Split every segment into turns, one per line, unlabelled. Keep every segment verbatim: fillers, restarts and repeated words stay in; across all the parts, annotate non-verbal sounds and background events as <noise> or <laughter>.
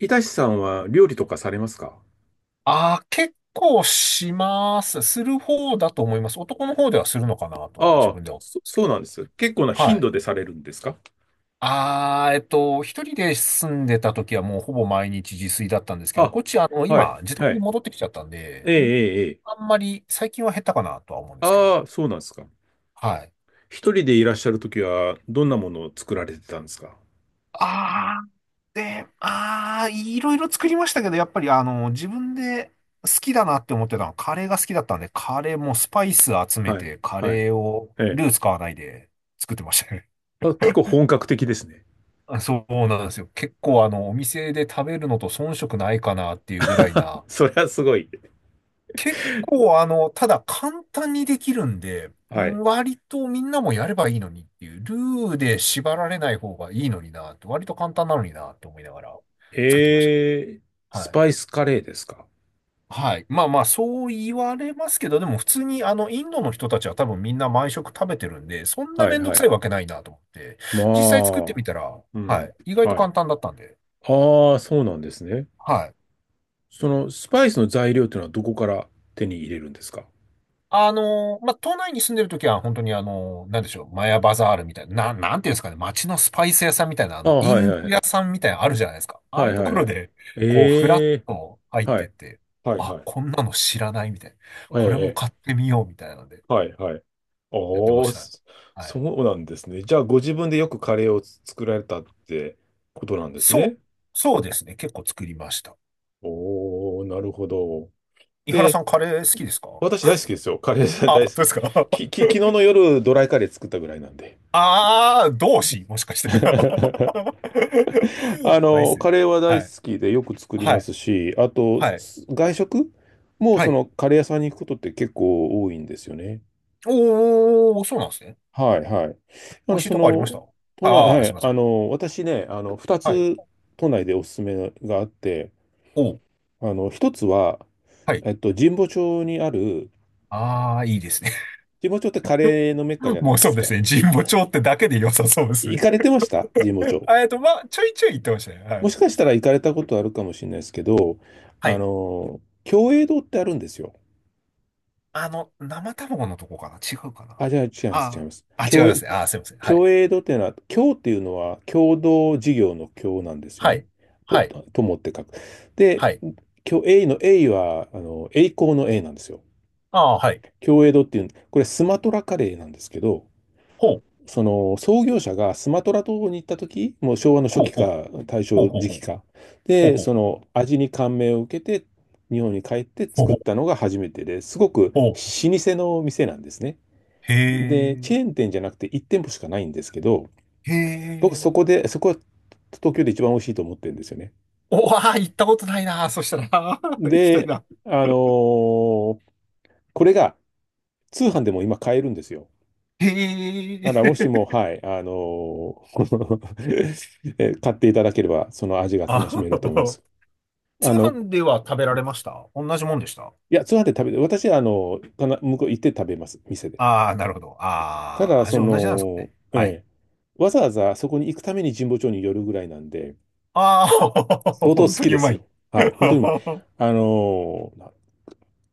いたしさんは料理とかされますか？
ああ、結構します。する方だと思います。男の方ではするのかなとは
あ
自
あ、
分では思うん
そ、
ですけ
そ
ど。
うなんです。結構な頻
は
度
い。
でされるんですか？
ああ、えっと、一人で住んでた時はもうほぼ毎日自炊だったんですけど、
あ、
こっちあの、
はい、
今、自
は
宅に
い。
戻ってきちゃったん
え
で、
え、
ん
ええ、ええ。
あんまり最近は減ったかなとは思うんですけど。
ああ、そうなんですか。
はい。
一人でいらっしゃるときは、どんなものを作られてたんですか？
あで、ああ、いろいろ作りましたけど、やっぱりあの、自分で好きだなって思ってたのは、カレーが好きだったんで、カレーもスパイス集め
はい、
て、カ
はい。
レーを
ええ。
ルー使わないで作ってましたね。
あ、結構本格的ですね。
あ、そうなんですよ。結構あの、お店で食べるのと遜色ないかなっていうぐらい
<laughs>
な、
それはすごい。
結構あの、ただ簡単にできるんで、う
は
ん、
い。
割とみんなもやればいいのにっていう、ルーで縛られない方がいいのになって、割と簡単なのになって思いながら作ってまし
ええ、
た。
ス
はい。
パイスカレーですか？
はい。まあまあ、そう言われますけど、でも普通にあの、インドの人たちは多分みんな毎食食べてるんで、そんな
はい、
めんど
は
くさ
い。
いわけないなと思って、
ま
実際作ってみ
あ、
たら、
う
は
ん、
い。意外と
はい。
簡単だったんで、
ああ、そうなんですね。
はい。
そのスパイスの材料というのはどこから手に入れるんですか？
あのまあ、都内に住んでるときは本当にあのなんでしょう、マヤバザールみたいな、な、なんていうんですかね、街のスパイス屋さんみたいな、あ
ああ、
の、イ
はい
ンド
はい。
屋さんみたいなのあるじゃないですか。ああ
は
いう
い
と
はい
こ
は
ろ
い。
で、こう、フラッ
ええ、
と入っ
は
てっ
い。
て、
はい
あ、
はい。
こんなの知らないみたいな。
え
これも
え、え
買っ
え、
てみようみたいなので、
はいはい。
やってま
おお、
したね。
そ
は
そ
い。
うなんですね。じゃあ、ご自分でよくカレーを作られたってことなんです
そう、
ね。
そうですね。結構作りました。
おお、なるほど。
井原
で、
さん、カレー好きですか？
私大好きですよ。カレー
あ、
大
本当
好
ですか？ <laughs>
き。き、き、昨日の夜、ドライカレー作ったぐらいなんで。
ああ、同志もしかして。<laughs> う
<laughs> あ
まいっ
の、
すね。
カレーは大
は
好
い。
きでよく作り
は
ま
い。
すし、あと、
はい。
す外食も
は
そ
い。
のカレー屋さんに行くことって結構多いんですよね。
おー、そうなんですね。
はいはい。あ
美味
の、
しい
そ
とこありました？
の、都内、
ああー、
は
すい
い、
ませ
あ
ん。
の、私ね、あの、2
はい。
つ都内でおすすめがあって、
おー。
あの、一つは、
はい。
えっと、神保町にある、
ああ、いいですね。
神保町ってカレーのメッカじ
<laughs>
ゃな
も
い
う
で
そう
す
で
か。
すね。神
い、
保町ってだけで良さそうです
行
ね。
かれてました神保
<laughs>
町。
あえっと、まあ、ちょいちょい言ってましたね。は
も
い。
しかしたら行かれたことあるかもしれないですけど、
は
あ
い。
の、共栄堂ってあるんですよ。
あの、生卵のとこかな、違うかな？
あ、じゃあ違います、違い
あ
ます。
あー。あ、違
共
いま
栄、
すね。ああ、すいません。はい。
共栄度っていうのは、共っていうのは共同事業の共なんですよ
は
ね。
い。
と、
はい。
と友って書く。で、
はい。
共栄の栄は、あの、栄光の栄なんですよ。
ああ、はい。
共栄度っていう、これスマトラカレーなんですけど、
ほう。
その創業者がスマトラ島に行った時、もう昭和の初
ほう
期
ほう。
か大
ほう
正
ほう
時
ほ
期
う。
か。
ほう
で、
ほう
そ
ほう。
の味に感銘を受けて、日本に帰って
ほう
作
ほ
っ
う
たのが初めてですごく
ほうほう。
老舗の店なんですね。
へ
で、
え。
チェーン店じゃなくていち店舗しかないんですけど、
へ
僕そ
え。
こで、そこは東京で一番美味しいと思ってるんですよね。
おわあ、行ったことないな。そしたら、<laughs> あー、行きたい
で、
な。
あのーこれが通販でも今買えるんですよ。だ
へ
からもしも、
え。
はい、あのー <laughs> え買っていただければ、その味が楽
あ
しめると思いま
ー、
す。
通
あの、
販では食べられました？同じもんでした？
いや、通販で食べて、私はあの、かな向こう行って食べます、店で。
ああー、なるほど。
た
ああ、
だ、
味
そ
同じなんですか
の、
ね。はい。
ええ、わざわざそこに行くために神保町に寄るぐらいなんで、
ああ、<laughs>
相当好
本当
き
に
で
う
す
ま
よ。
い。
はい。本当にま
<laughs>
あのーな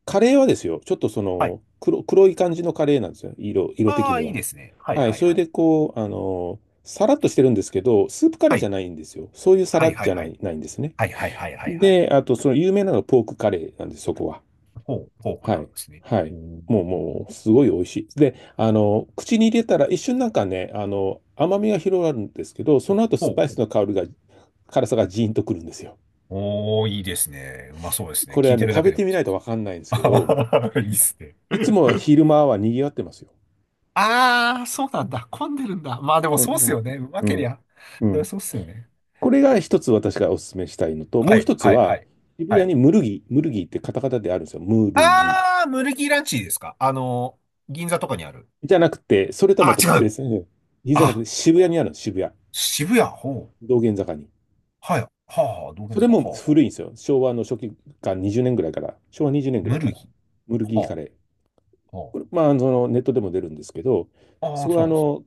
カレーはですよ、ちょっとそ
はい。
の黒、黒い感じのカレーなんですよ。色、色的
あ
に
あ、いい
は。
ですね。はい
はい。
は
そ
い
れ
は
で
い。
こう、あのーさらっとしてるんですけど、スープカレー
は
じゃ
い。
ないんですよ。そういうさ
は
ら
いは
じ
い
ゃ
は
な
い。
い、ないんですね。
はいはいはいはいはい。
で、あとその有名なのがポークカレーなんです、そこは。
ポー、ポーク
は
なん
い。
ですね。
は
お
い。
ー、
もう、もう、すごい美味しい。で、あの、口に入れたら一瞬なんかね、あの、甘みが広がるんですけど、その後
ポ
スパイ
ー
ス
ク。
の香りが、辛さがジーンとくるんですよ。
おー、いいですね。うまそうですね。
これ
聞
は
いて
ね、
るだ
食
け
べ
で
て
も
みな
そ
い
うで
と
す。
わかんないんですけど、
あー <laughs> いいっすね。
いつも
<laughs>
昼間は賑わってますよ。
ああ、そうなんだ。混んでるんだ。まあでも
こん
そうっ
う
す
ん、
よね。うま
う
けり
ん、
ゃ。
う
そりゃ
ん、
そうっすよね。
これが一つ私がお勧めしたいのと、も
は
う一
い、
つ
はい、は
は、
い。
渋
は
谷
い。
にムルギ、ムルギってカタカタであるんですよ。ムルギ。
ああ、ムルギーランチですか？あの、銀座とかにある。
じゃなくて、それとはま
あ
た
ー、違う。
別に、銀座じゃなく
あ、
て渋谷にあるんです、渋谷。
渋谷。ほう。
道玄坂に。
はい。はあ、はあ、道玄
それ
坂。は
も
あ、はあ。は
古いん
あ。
ですよ。昭和の初期か20年ぐらいから、昭和にじゅうねんぐら
ム
いか
ル
ら、
ギ
ムルギ
ー。
ー
は
カレー。
あ、は
これ、まあ、そのネットでも出るんですけど、
あ。あ
そ
あ、
こ
そ
は
う
あ
なんですね。
の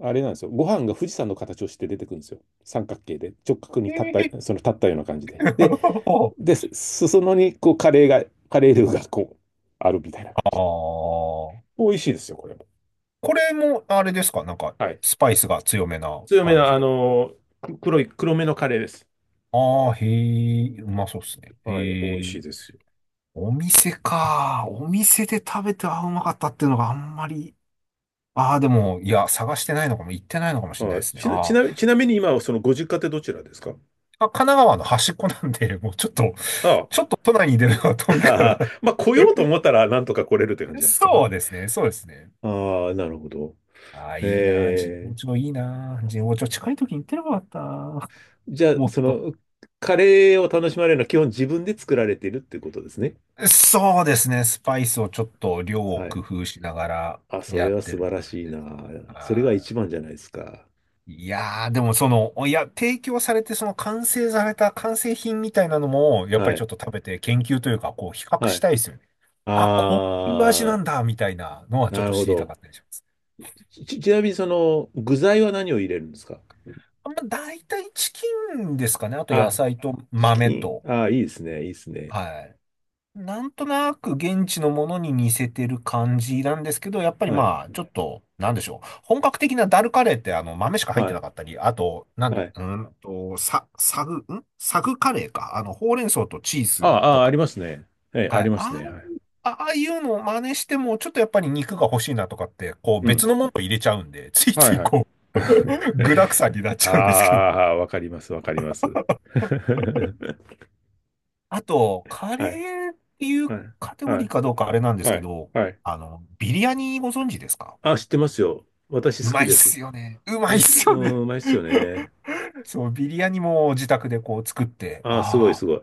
あれなんですよ。ご飯が富士山の形をして出てくるんですよ。三角形で、直角に
へ
立っ
え
た、その立ったような感じで。で、
<laughs>
で、裾野にこうカレーが、カレールーがこう、あるみたいな感
あ
じ。
あ。
美味しいですよ、これも。
これも、あれですか？なんか、
はい。
スパイスが強めな
強め
感
の、
じ
あ
の。
のー黒い、黒めのカレーです。
ああ、へえ、うまそうっすね。
はい、美
へ
味
え、
しいです
お店か。お店で食べて、あうまかったっていうのがあんまり。ああ、でも、いや、探してないのかも、行ってないのかもしれ
よ。
ない
は
で
い。
すね。
ちな、ち
あー
なみちなみに今、そのご実家ってどちらですか？
あ、神奈川の端っこなんで、もうちょっと、
あ
<laughs>
あ。
ちょっと都内に出るのは遠
<laughs>
いから。
まあ、来ようと思ったら、なんとか来れるって感じ
<laughs>
じゃないですか。
そうですね、そうですね。
ああ、なるほど。
ああ、いいな。神
え
保
え、
町いいな。神保町近い時に行ってればよかったな。
じゃあ、
もっ
そ
と。
の、カレーを楽しまれるのは基本自分で作られているっていうことですね。
そうですね。スパイスをちょっと量を
は
工
い。
夫しながら
あ、そ
や
れ
っ
は
て
素
る
晴ら
感じ。
しいな。それが
あー、
一番じゃないですか。
いやー、でもその、いや、提供されて、その完成された完成品みたいなのも、やっぱ
は
りちょ
い。
っと食べて研究というか、こう、比較
は
し
い。
たいですよね。あ、こういう味な
あ
んだ、みたいなのは
ー、
ちょっ
な
と
るほ
知りたか
ど。
ったりします。
ち、ちなみにその、具材は何を入れるんですか？
まあ、大体チキンですかね。あと野
あ、
菜と
チ
豆
キン。
と、
あ、いいですね。いいですね。
はい。なんとなく現地のものに似せてる感じなんですけど、やっぱり
はい。
まあ、ちょっと、なんでしょう。本格的なダルカレーってあの、豆しか入っ
は
てな
い。
かったり、あと、なんで、
はい。
うーんと、さ、サグ、んサグカレーか。あの、ほうれん草とチー
あ
ズと
あ、あ
か。
りますね。え、あ
はい。
ります
あ
ね。はい。
あ、ああいうのを真似しても、ちょっとやっぱり肉が欲しいなとかって、こう
う
別
ん。
のものを入れちゃうんで、<laughs> つい
は
つ
い
い
はい。
こう、具沢山になっ
<laughs> あ
ちゃうんですけど。
あ、わかります。わかります。<laughs>
あと、カ
はい。
レーっていう
はい。
カテゴ
は
リー
い。
かどうかあれなんです
は
け
い。
ど、
はい。
あの、ビリヤニご存知ですか？
あ、知ってますよ。私
う
好
ま
き
いっ
です。
すよね。う
美
まいっ
味しい、う
す
ー
よね。
ん、うまいっすよね。
<laughs> そう、ビリヤニも自宅でこう作って、
あ、すごい
あ
す
あ、
ごい。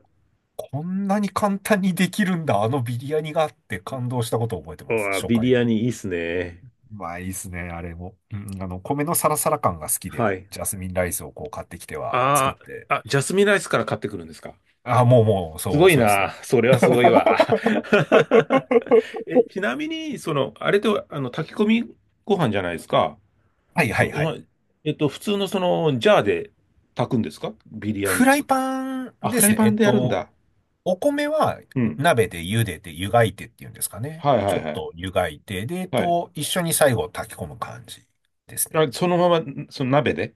こんなに簡単にできるんだ、あのビリヤニがあって感動したことを覚えて
う
ます、
わ、
初
ビリ
回。
ヤニいいっすね。
うまいっすね、あれも。うん、あの、米のサラサラ感が好きで、
はい。
ジャスミンライスをこう買ってきては作っ
あ
て。
あ、あ、ジャスミンライスから買ってくるんですか？
ああ、もうもう、
す
そ
ご
う、
い
そうです
な。
ね。
それはすごいわ。
<laughs>
<laughs> え、ちなみに、その、あれと、あの、炊き込みご飯じゃないですか。
はいは
そ、
いはい。
そえっと、普通のその、ジャーで炊くんですかビリヤ
フ
ニ
ラ
つ
イ
く。
パン
あ、
で
フラ
す
イ
ね。
パ
え
ン
っ
でやるん
と、
だ。
お米は
うん。
鍋で茹でて湯がいてっていうんですかね。
はいは
ちょ
い
っ
はい。
と湯がいて、で、えっ
はい。
と、一緒に最後炊き込む感じですね。
あ、そのまま、その鍋で、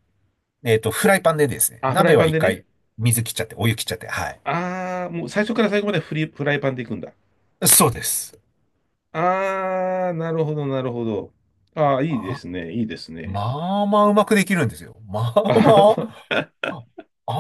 えっと、フライパンでですね。
あ、フラ
鍋
イパ
は
ン
一
でね。
回水切っちゃって、お湯切っちゃって、はい。
ああ、もう最初から最後までフリ、フライパンでいくんだ。
そうです。
ああ、なるほど、なるほど。ああ、い
ま
いで
あ、
すね、いいですね。
まあまあうまくできるんですよ。まあ
ああ、
ま
そ
あ、
う。
あ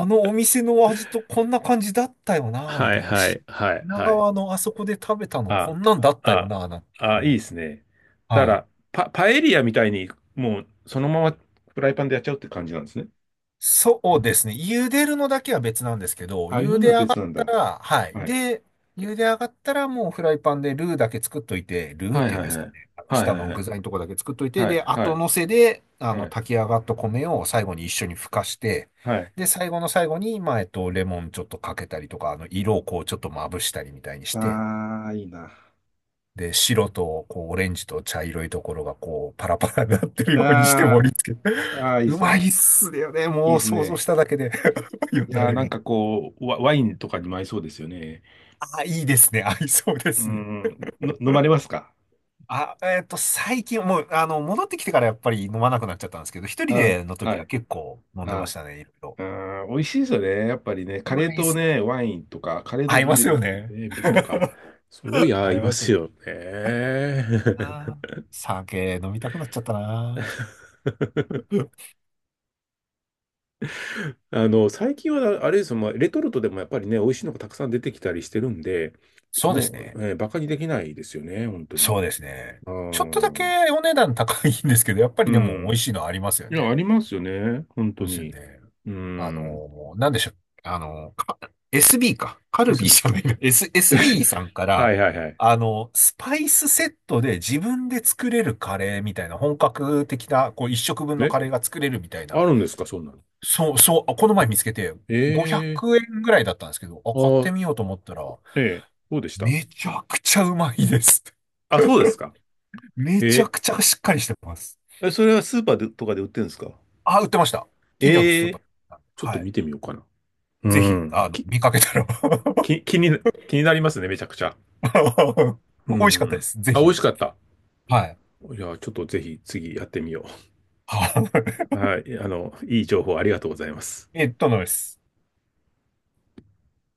あのお店の味とこんな感じだったよな、み
はい
たいな。
は
し
いはい
品
はい。
川のあそこで食べたのこ
あ、
んなんだったよ
あ、
な、なんて
あ、
言っ
い
た
いです
ら。
ね。だか
はい。
ら、パ、パエリアみたいに、もうそのまま、フライパンでやっちゃうって感じなんですね。
そうですね。茹でるのだけは別なんですけど、
ああいう
茹
の
で
は
上が
別
っ
なん
た
だ。
ら、はい。
はい。
で、茹で上がったらもうフライパンでルーだけ作っといて、ルーっ
はい
ていうん
はい
です
は
か
い。
ね。あの
はい
下
はい
の
は
具
い。
材のとこだけ作っといて、
はい
で、
は
後乗せで、あ
いは
の、
い。
炊き上がった米を最後に一緒にふかして、
はい。
で、最後の最後に、まあ、えっと、レモンちょっとかけたりとか、あの、色をこうちょっとまぶしたりみたいにして、
ああ、いいな。
で、白と、こう、オレンジと茶色いところが、こう、パラパラになってるようにして
あ、
盛り付け。<laughs>
ああ、いいで
う
す
まいっ
ね。
すよね。
いい
も
で
う
す
想像し
ね。
ただけで <laughs>。よ
い
だ
やー、
れ
なん
が。
かこう、ワ、ワインとかにも合いそうですよね。
あ、いいですね。<laughs> 合いそうで
うー
すね。
ん、の、飲まれますか？
あ、えっと、最近、もう、あの、戻ってきてからやっぱり飲まなくなっちゃったんですけど、一人
あ、
での
は
時は
い。
結構飲んでまし
あ、
たね、いろいろ。
うん、美味しいですよね。やっぱりね、
う
カレー
まいっ
と
すね。
ね、ワインとか、カレーと
合い
ビー
ます
ル、
よね。
ね、ビールとか。すごい合
合
い
い
ま
ます
す
ね。
よね。
あー、酒飲みたくなっちゃったな。
<laughs>
<laughs>
あの、最近はあれですよ、まあ、レトルトでもやっぱりね、美味しいのがたくさん出てきたりしてるんで、
そうで
も
す
う、
ね。
えーバカにできないですよね、本当
そ
に。
うですね。
あ
ちょっとだ
ー、
けお値段高いんですけど、やっぱ
う
りでも美味
ん。
しいのありますよ
いや、あ
ね。
りますよね。本
そ
当
うですよ
に。
ね。
う
あ
ん。
の、なんでしょう。あの、か エスビー か。カルビー
エスビー。
じゃないな。S、
<laughs>
エスビー さんか
は
ら、
いはいはい。
あの、スパイスセットで自分で作れるカレーみたいな、本格的な、こう、一食分の
え、
カレーが作れるみたい
あ
な。
るんですか、そんなの。
そう、そう、この前見つけて、500
ええ、
円ぐらいだったんですけど、あ、買っ
あ、
てみようと思ったら、
ええ、どうでした？
めちゃくちゃうまいです。
あ、そうですか。
<laughs> めちゃ
え、
くちゃしっかりしてます。
ええ、それはスーパーでとかで売ってるんですか？
あ、売ってました。近所のス
え
ーパー
え、
なんで。
ちょっと
は
見
い。
てみようかな。う
ぜひ、
ん。
あの、
き、
見かけたら <laughs>
き、気にな、気になりますね、めちゃくちゃ。
あの
う
美味しかった
ん。
です。ぜ
あ、美味
ひ。
しかった。
はい。
いや、ちょっとぜひ次やってみよ
は
う。はい。あの、いい情報ありがとうございます。
い。<laughs> えっと、のです。